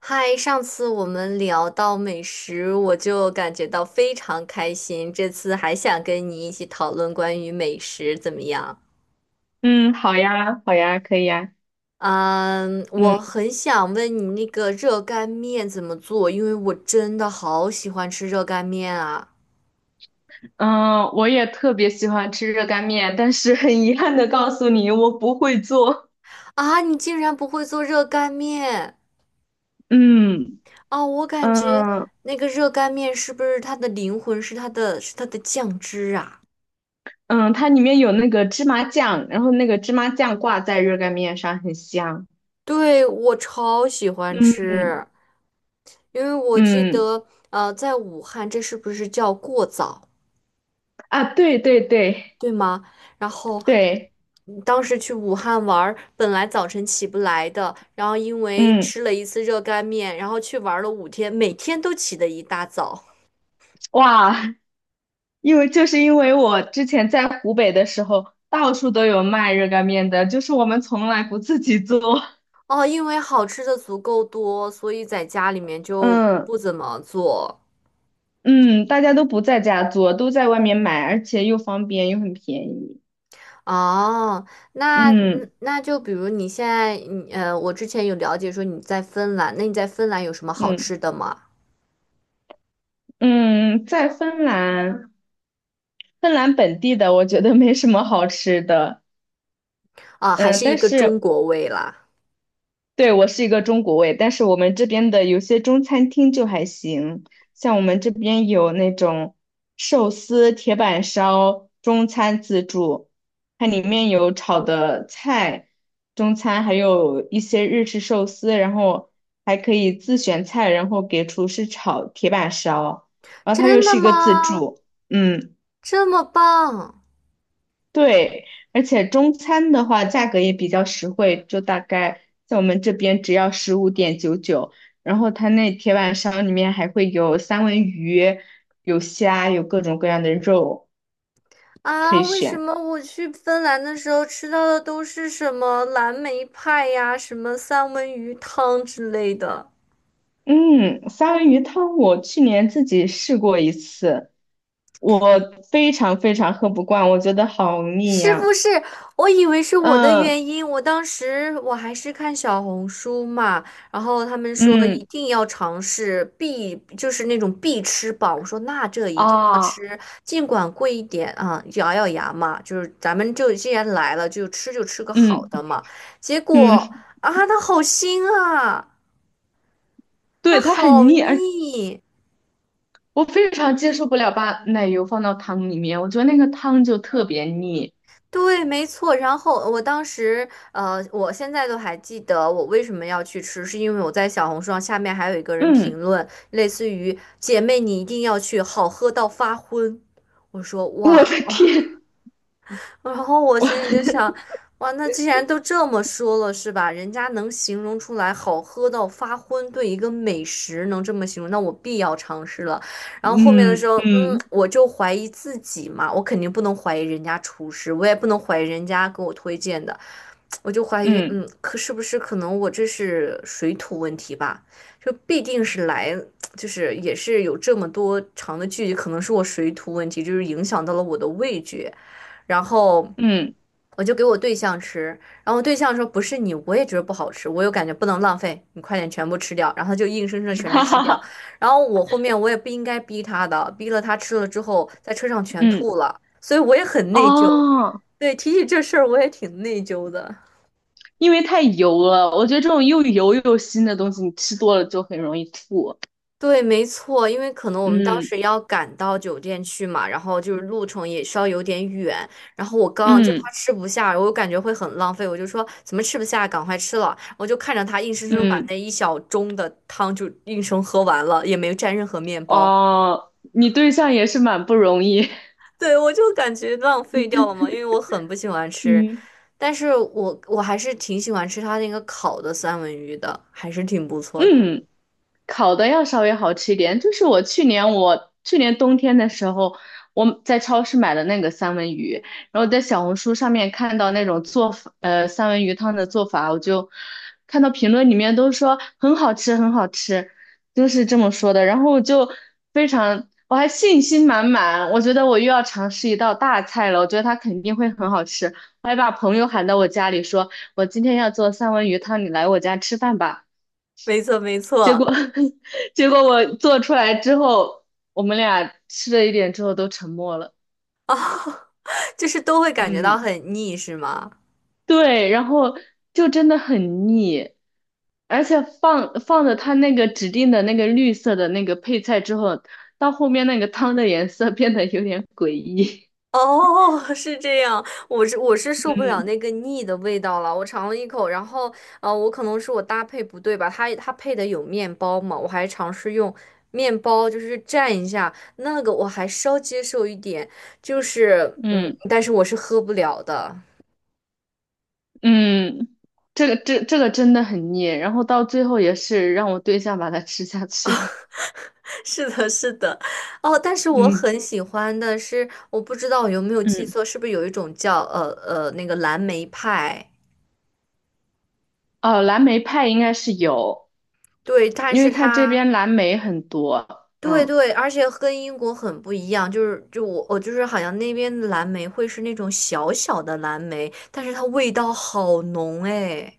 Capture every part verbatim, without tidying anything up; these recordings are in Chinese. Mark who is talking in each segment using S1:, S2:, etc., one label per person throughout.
S1: 嗨，上次我们聊到美食，我就感觉到非常开心。这次还想跟你一起讨论关于美食，怎么样？
S2: 嗯，好呀，好呀，可以呀。
S1: 嗯，
S2: 嗯
S1: 我很想问你那个热干面怎么做，因为我真的好喜欢吃热干面啊！
S2: 嗯，呃我也特别喜欢吃热干面，但是很遗憾的告诉你，我不会做。
S1: 啊，你竟然不会做热干面？
S2: 嗯
S1: 哦，我感觉
S2: 嗯
S1: 那个热干面是不是它的灵魂是它的是它的酱汁啊？
S2: 嗯，它里面有那个芝麻酱，然后那个芝麻酱挂在热干面上，很香。
S1: 对，我超喜欢
S2: 嗯
S1: 吃。因为我记
S2: 嗯
S1: 得，呃，在武汉，这是不是叫过早，
S2: 啊，对对对
S1: 对吗？然后
S2: 对，
S1: 嗯当时去武汉玩儿，本来早晨起不来的，然后因为
S2: 嗯
S1: 吃了一次热干面，然后去玩了五天，每天都起得一大早。
S2: 哇，因为就是因为我之前在湖北的时候，到处都有卖热干面的，就是我们从来不自己做。
S1: 哦，因为好吃的足够多，所以在家里面 就
S2: 嗯
S1: 不怎么做。
S2: 嗯，大家都不在家做，都在外面买，而且又方便又很便宜。
S1: 哦，那嗯，
S2: 嗯
S1: 那就比如你现在，你呃，我之前有了解说你在芬兰，那你在芬兰有什么好
S2: 嗯
S1: 吃的吗？
S2: 嗯，在芬兰，芬兰本地的我觉得没什么好吃的。
S1: 啊，还
S2: 嗯，
S1: 是一
S2: 但
S1: 个中
S2: 是
S1: 国味啦。
S2: 对，我是一个中国胃，但是我们这边的有些中餐厅就还行，像我们这边有那种寿司、铁板烧、中餐自助，它里面有炒的菜，中餐还有一些日式寿司，然后还可以自选菜，然后给厨师炒铁板烧，然后它又
S1: 真的
S2: 是一个自
S1: 吗？
S2: 助。嗯，
S1: 这么棒
S2: 对，而且中餐的话价格也比较实惠，就大概在我们这边只要十五点九九，然后它那铁板烧里面还会有三文鱼、有虾、有各种各样的肉可
S1: 啊！
S2: 以
S1: 为什
S2: 选。
S1: 么我去芬兰的时候吃到的都是什么蓝莓派呀、什么三文鱼汤之类的？
S2: 嗯，三文鱼汤我去年自己试过一次，我非常非常喝不惯，我觉得好腻
S1: 是不
S2: 呀。
S1: 是？我以为是我的
S2: 嗯
S1: 原因，我当时我还是看小红书嘛，然后他们说一
S2: 嗯
S1: 定要尝试必，就是那种必吃榜，我说那这一定要
S2: 啊
S1: 吃，尽管贵一点啊，咬咬牙嘛，就是咱们就既然来了，就吃就吃个
S2: 嗯
S1: 好的嘛。结果
S2: 嗯，
S1: 啊，它好腥啊，它
S2: 对，它很
S1: 好
S2: 腻，而
S1: 腻。
S2: 我非常接受不了把奶油放到汤里面，我觉得那个汤就特别腻。
S1: 对，没错。然后我当时，呃，我现在都还记得我为什么要去吃，是因为我在小红书上下面还有一个人
S2: 嗯，
S1: 评论，类似于"姐妹你一定要去，好喝到发昏"。我说
S2: 我
S1: 哇，
S2: 的天，
S1: 然后我
S2: 我
S1: 心里就 想，哇，那既然都这么说了，是吧？人家能形容出来好喝到发昏，对一个美食能这么形容，那我必要尝试了。然后后面的时
S2: 嗯
S1: 候，嗯，
S2: 嗯
S1: 我就怀疑自己嘛，我肯定不能怀疑人家厨师，我也不能怀疑人家给我推荐的，我就怀疑，
S2: 嗯
S1: 嗯，可是不是可能我这是水土问题吧？就必定是来，就是也是有这么多长的距离，可能是我水土问题，就是影响到了我的味觉。然后
S2: 嗯。
S1: 我就给我对象吃，然后我对象说不是你，我也觉得不好吃，我又感觉不能浪费，你快点全部吃掉，然后他就硬生生的 全是
S2: 哈
S1: 吃
S2: 哈
S1: 掉，
S2: 哈。
S1: 然后我后面我也不应该逼他的，逼了他吃了之后在车上全
S2: 嗯
S1: 吐了，所以我也很内疚。
S2: 哦，
S1: 对，提起这事儿我也挺内疚的。
S2: 因为太油了，我觉得这种又油又腥的东西，你吃多了就很容易吐。
S1: 对，没错，因为可能我们当
S2: 嗯
S1: 时要赶到酒店去嘛，然后就是路程也稍有点远，然后我刚就
S2: 嗯
S1: 他吃不下，我感觉会很浪费，我就说怎么吃不下，赶快吃了，我就看着他硬生生把
S2: 嗯，
S1: 那一小盅的汤就硬生喝完了，也没蘸任何面包。
S2: 哦，你对象也是蛮不容易。
S1: 对，我就感觉浪费掉了嘛，因为我很不喜欢 吃，
S2: 嗯
S1: 但是我我还是挺喜欢吃他那个烤的三文鱼的，还是挺不错的，
S2: 嗯。烤的要稍微好吃一点。就是我去年我去年冬天的时候，我在超市买的那个三文鱼，然后在小红书上面看到那种做法，呃，三文鱼汤的做法，我就看到评论里面都说很好吃，很好吃，就是这么说的。然后我就非常，我还信心满满，我觉得我又要尝试一道大菜了，我觉得它肯定会很好吃。我还把朋友喊到我家里说，我今天要做三文鱼汤，你来我家吃饭吧。
S1: 没错没
S2: 结
S1: 错。
S2: 果 结果我做出来之后，我们俩吃了一点之后都沉默了。
S1: 哦，就是都会感觉到
S2: 嗯，
S1: 很腻，是吗？
S2: 对，然后就真的很腻，而且放放的它那个指定的那个绿色的那个配菜之后，到后面那个汤的颜色变得有点诡异。
S1: 哦，是这样，我是我是 受不了
S2: 嗯
S1: 那个腻的味道了。我尝了一口，然后呃，我可能是我搭配不对吧，它它配的有面包嘛，我还尝试用面包就是蘸一下，那个我还稍接受一点，就是嗯，
S2: 嗯
S1: 但是我是喝不了的。
S2: 嗯，这个这这个真的很腻，然后到最后也是让我对象把它吃下去了。
S1: 是的，是的，哦，但是 我
S2: 嗯
S1: 很喜欢的是，我不知道我有没有记
S2: 嗯，
S1: 错，是不是有一种叫呃呃那个蓝莓派？
S2: 哦，蓝莓派应该是有。
S1: 对，但
S2: 因
S1: 是
S2: 为它这
S1: 它
S2: 边蓝莓很多。
S1: 对
S2: 嗯，
S1: 对，而且跟英国很不一样，就是就我我就是好像那边的蓝莓会是那种小小的蓝莓，但是它味道好浓哎。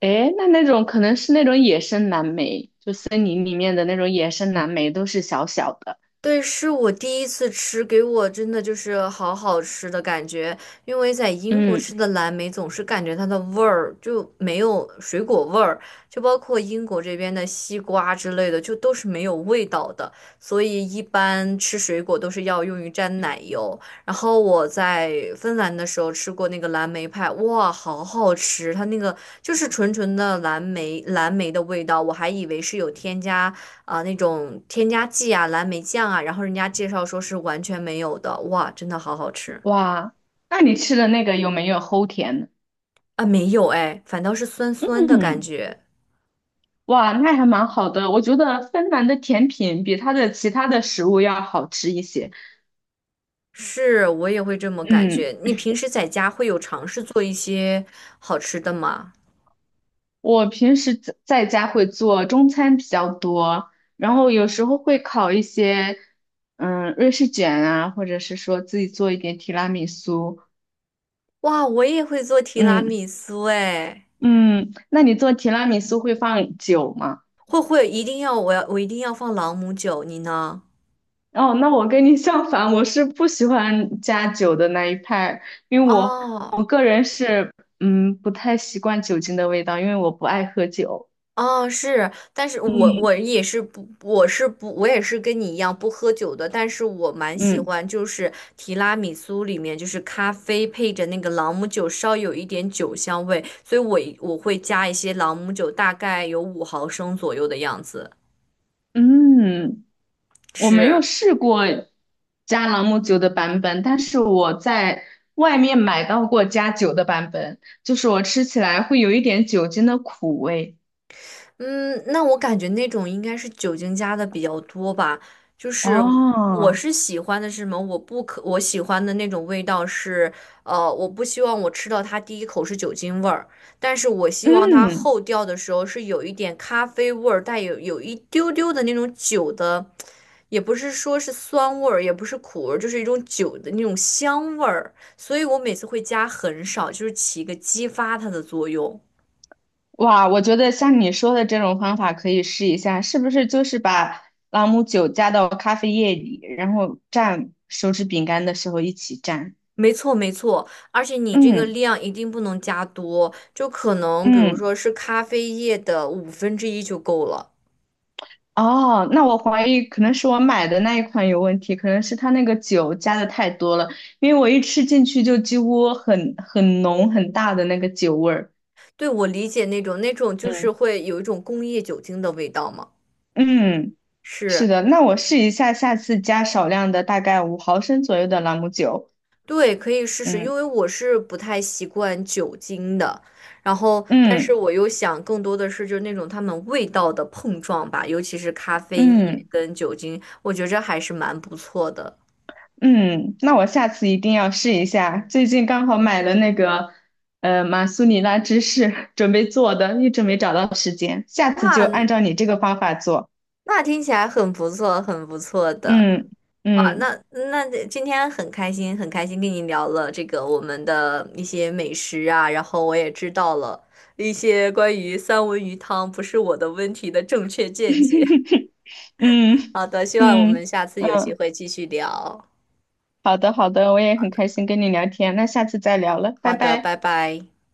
S2: 诶，那那种可能是那种野生蓝莓，就森林里面的那种野生蓝莓都是小小的。
S1: 对，是我第一次吃，给我真的就是好好吃的感觉。因为在英国
S2: 嗯，
S1: 吃的蓝莓总是感觉它的味儿就没有水果味儿，就包括英国这边的西瓜之类的，就都是没有味道的。所以一般吃水果都是要用于蘸奶油。然后我在芬兰的时候吃过那个蓝莓派，哇，好好吃！它那个就是纯纯的蓝莓，蓝莓的味道，我还以为是有添加。啊，那种添加剂啊、蓝莓酱啊，然后人家介绍说是完全没有的，哇，真的好好吃
S2: 哇，那你吃的那个有没有齁甜呢？
S1: 啊！没有哎，反倒是酸酸的感
S2: 嗯，
S1: 觉，
S2: 哇，那还蛮好的，我觉得芬兰的甜品比它的其他的食物要好吃一些。
S1: 是我也会这么感
S2: 嗯。
S1: 觉。你平时在家会有尝试做一些好吃的吗？
S2: 我平时在在家会做中餐比较多，然后有时候会烤一些。嗯，瑞士卷啊，或者是说自己做一点提拉米苏。
S1: 哇，我也会做提拉
S2: 嗯
S1: 米苏哎，
S2: 嗯，那你做提拉米苏会放酒吗？
S1: 会会一定要我要我一定要放朗姆酒，你呢？
S2: 哦，那我跟你相反，我是不喜欢加酒的那一派，因为我
S1: 哦
S2: 我个人是嗯不太习惯酒精的味道，因为我不爱喝酒。
S1: 哦，是，但是我
S2: 嗯
S1: 我也是不，我是不，我也是跟你一样不喝酒的，但是我蛮喜
S2: 嗯。
S1: 欢，就是提拉米苏里面就是咖啡配着那个朗姆酒，稍有一点酒香味，所以我我会加一些朗姆酒，大概有五毫升左右的样子。
S2: 嗯。我没
S1: 是。
S2: 有试过加朗姆酒的版本，但是我在外面买到过加酒的版本，就是我吃起来会有一点酒精的苦味。
S1: 嗯，那我感觉那种应该是酒精加的比较多吧。就是我我
S2: 哦，
S1: 是喜欢的是什么？我不可我喜欢的那种味道是，呃，我不希望我吃到它第一口是酒精味儿，但是我希望它
S2: 嗯，
S1: 后调的时候是有一点咖啡味儿，带有有一丢丢的那种酒的，也不是说是酸味儿，也不是苦味儿，就是一种酒的那种香味儿。所以我每次会加很少，就是起一个激发它的作用。
S2: 哇，我觉得像你说的这种方法可以试一下，是不是就是把朗姆酒加到咖啡液里，然后蘸手指饼干的时候一起蘸？
S1: 没错，没错，而且你这个
S2: 嗯
S1: 量一定不能加多，就可能比如
S2: 嗯。
S1: 说是咖啡液的五分之一就够了。
S2: 哦，那我怀疑可能是我买的那一款有问题，可能是它那个酒加的太多了，因为我一吃进去就几乎很很浓很大的那个酒味儿。
S1: 对，我理解那种那种就
S2: 嗯
S1: 是会有一种工业酒精的味道嘛。
S2: 嗯，是
S1: 是，
S2: 的，那我试一下，下次加少量的，大概五毫升左右的朗姆酒。
S1: 对，可以试试，因
S2: 嗯
S1: 为我是不太习惯酒精的，然后但是
S2: 嗯
S1: 我又想更多的是就是那种它们味道的碰撞吧，尤其是咖啡液
S2: 嗯
S1: 跟酒精，我觉着还是蛮不错的。
S2: 嗯，那我下次一定要试一下。最近刚好买了那个呃马苏里拉芝士，准备做的，一直没找到时间，下次就
S1: 哇，
S2: 按照你这个方法做。
S1: 那听起来很不错，很不错的。
S2: 嗯
S1: 啊，
S2: 嗯
S1: 那那今天很开心，很开心跟你聊了这个我们的一些美食啊，然后我也知道了一些关于三文鱼汤不是我的问题的正确见解。
S2: 嗯
S1: 好的，希望我
S2: 嗯
S1: 们下次有机
S2: 嗯，
S1: 会继续聊。
S2: 好的好的，我也很开心跟你聊天，那下次再聊了，拜
S1: 好的，拜
S2: 拜。
S1: 拜。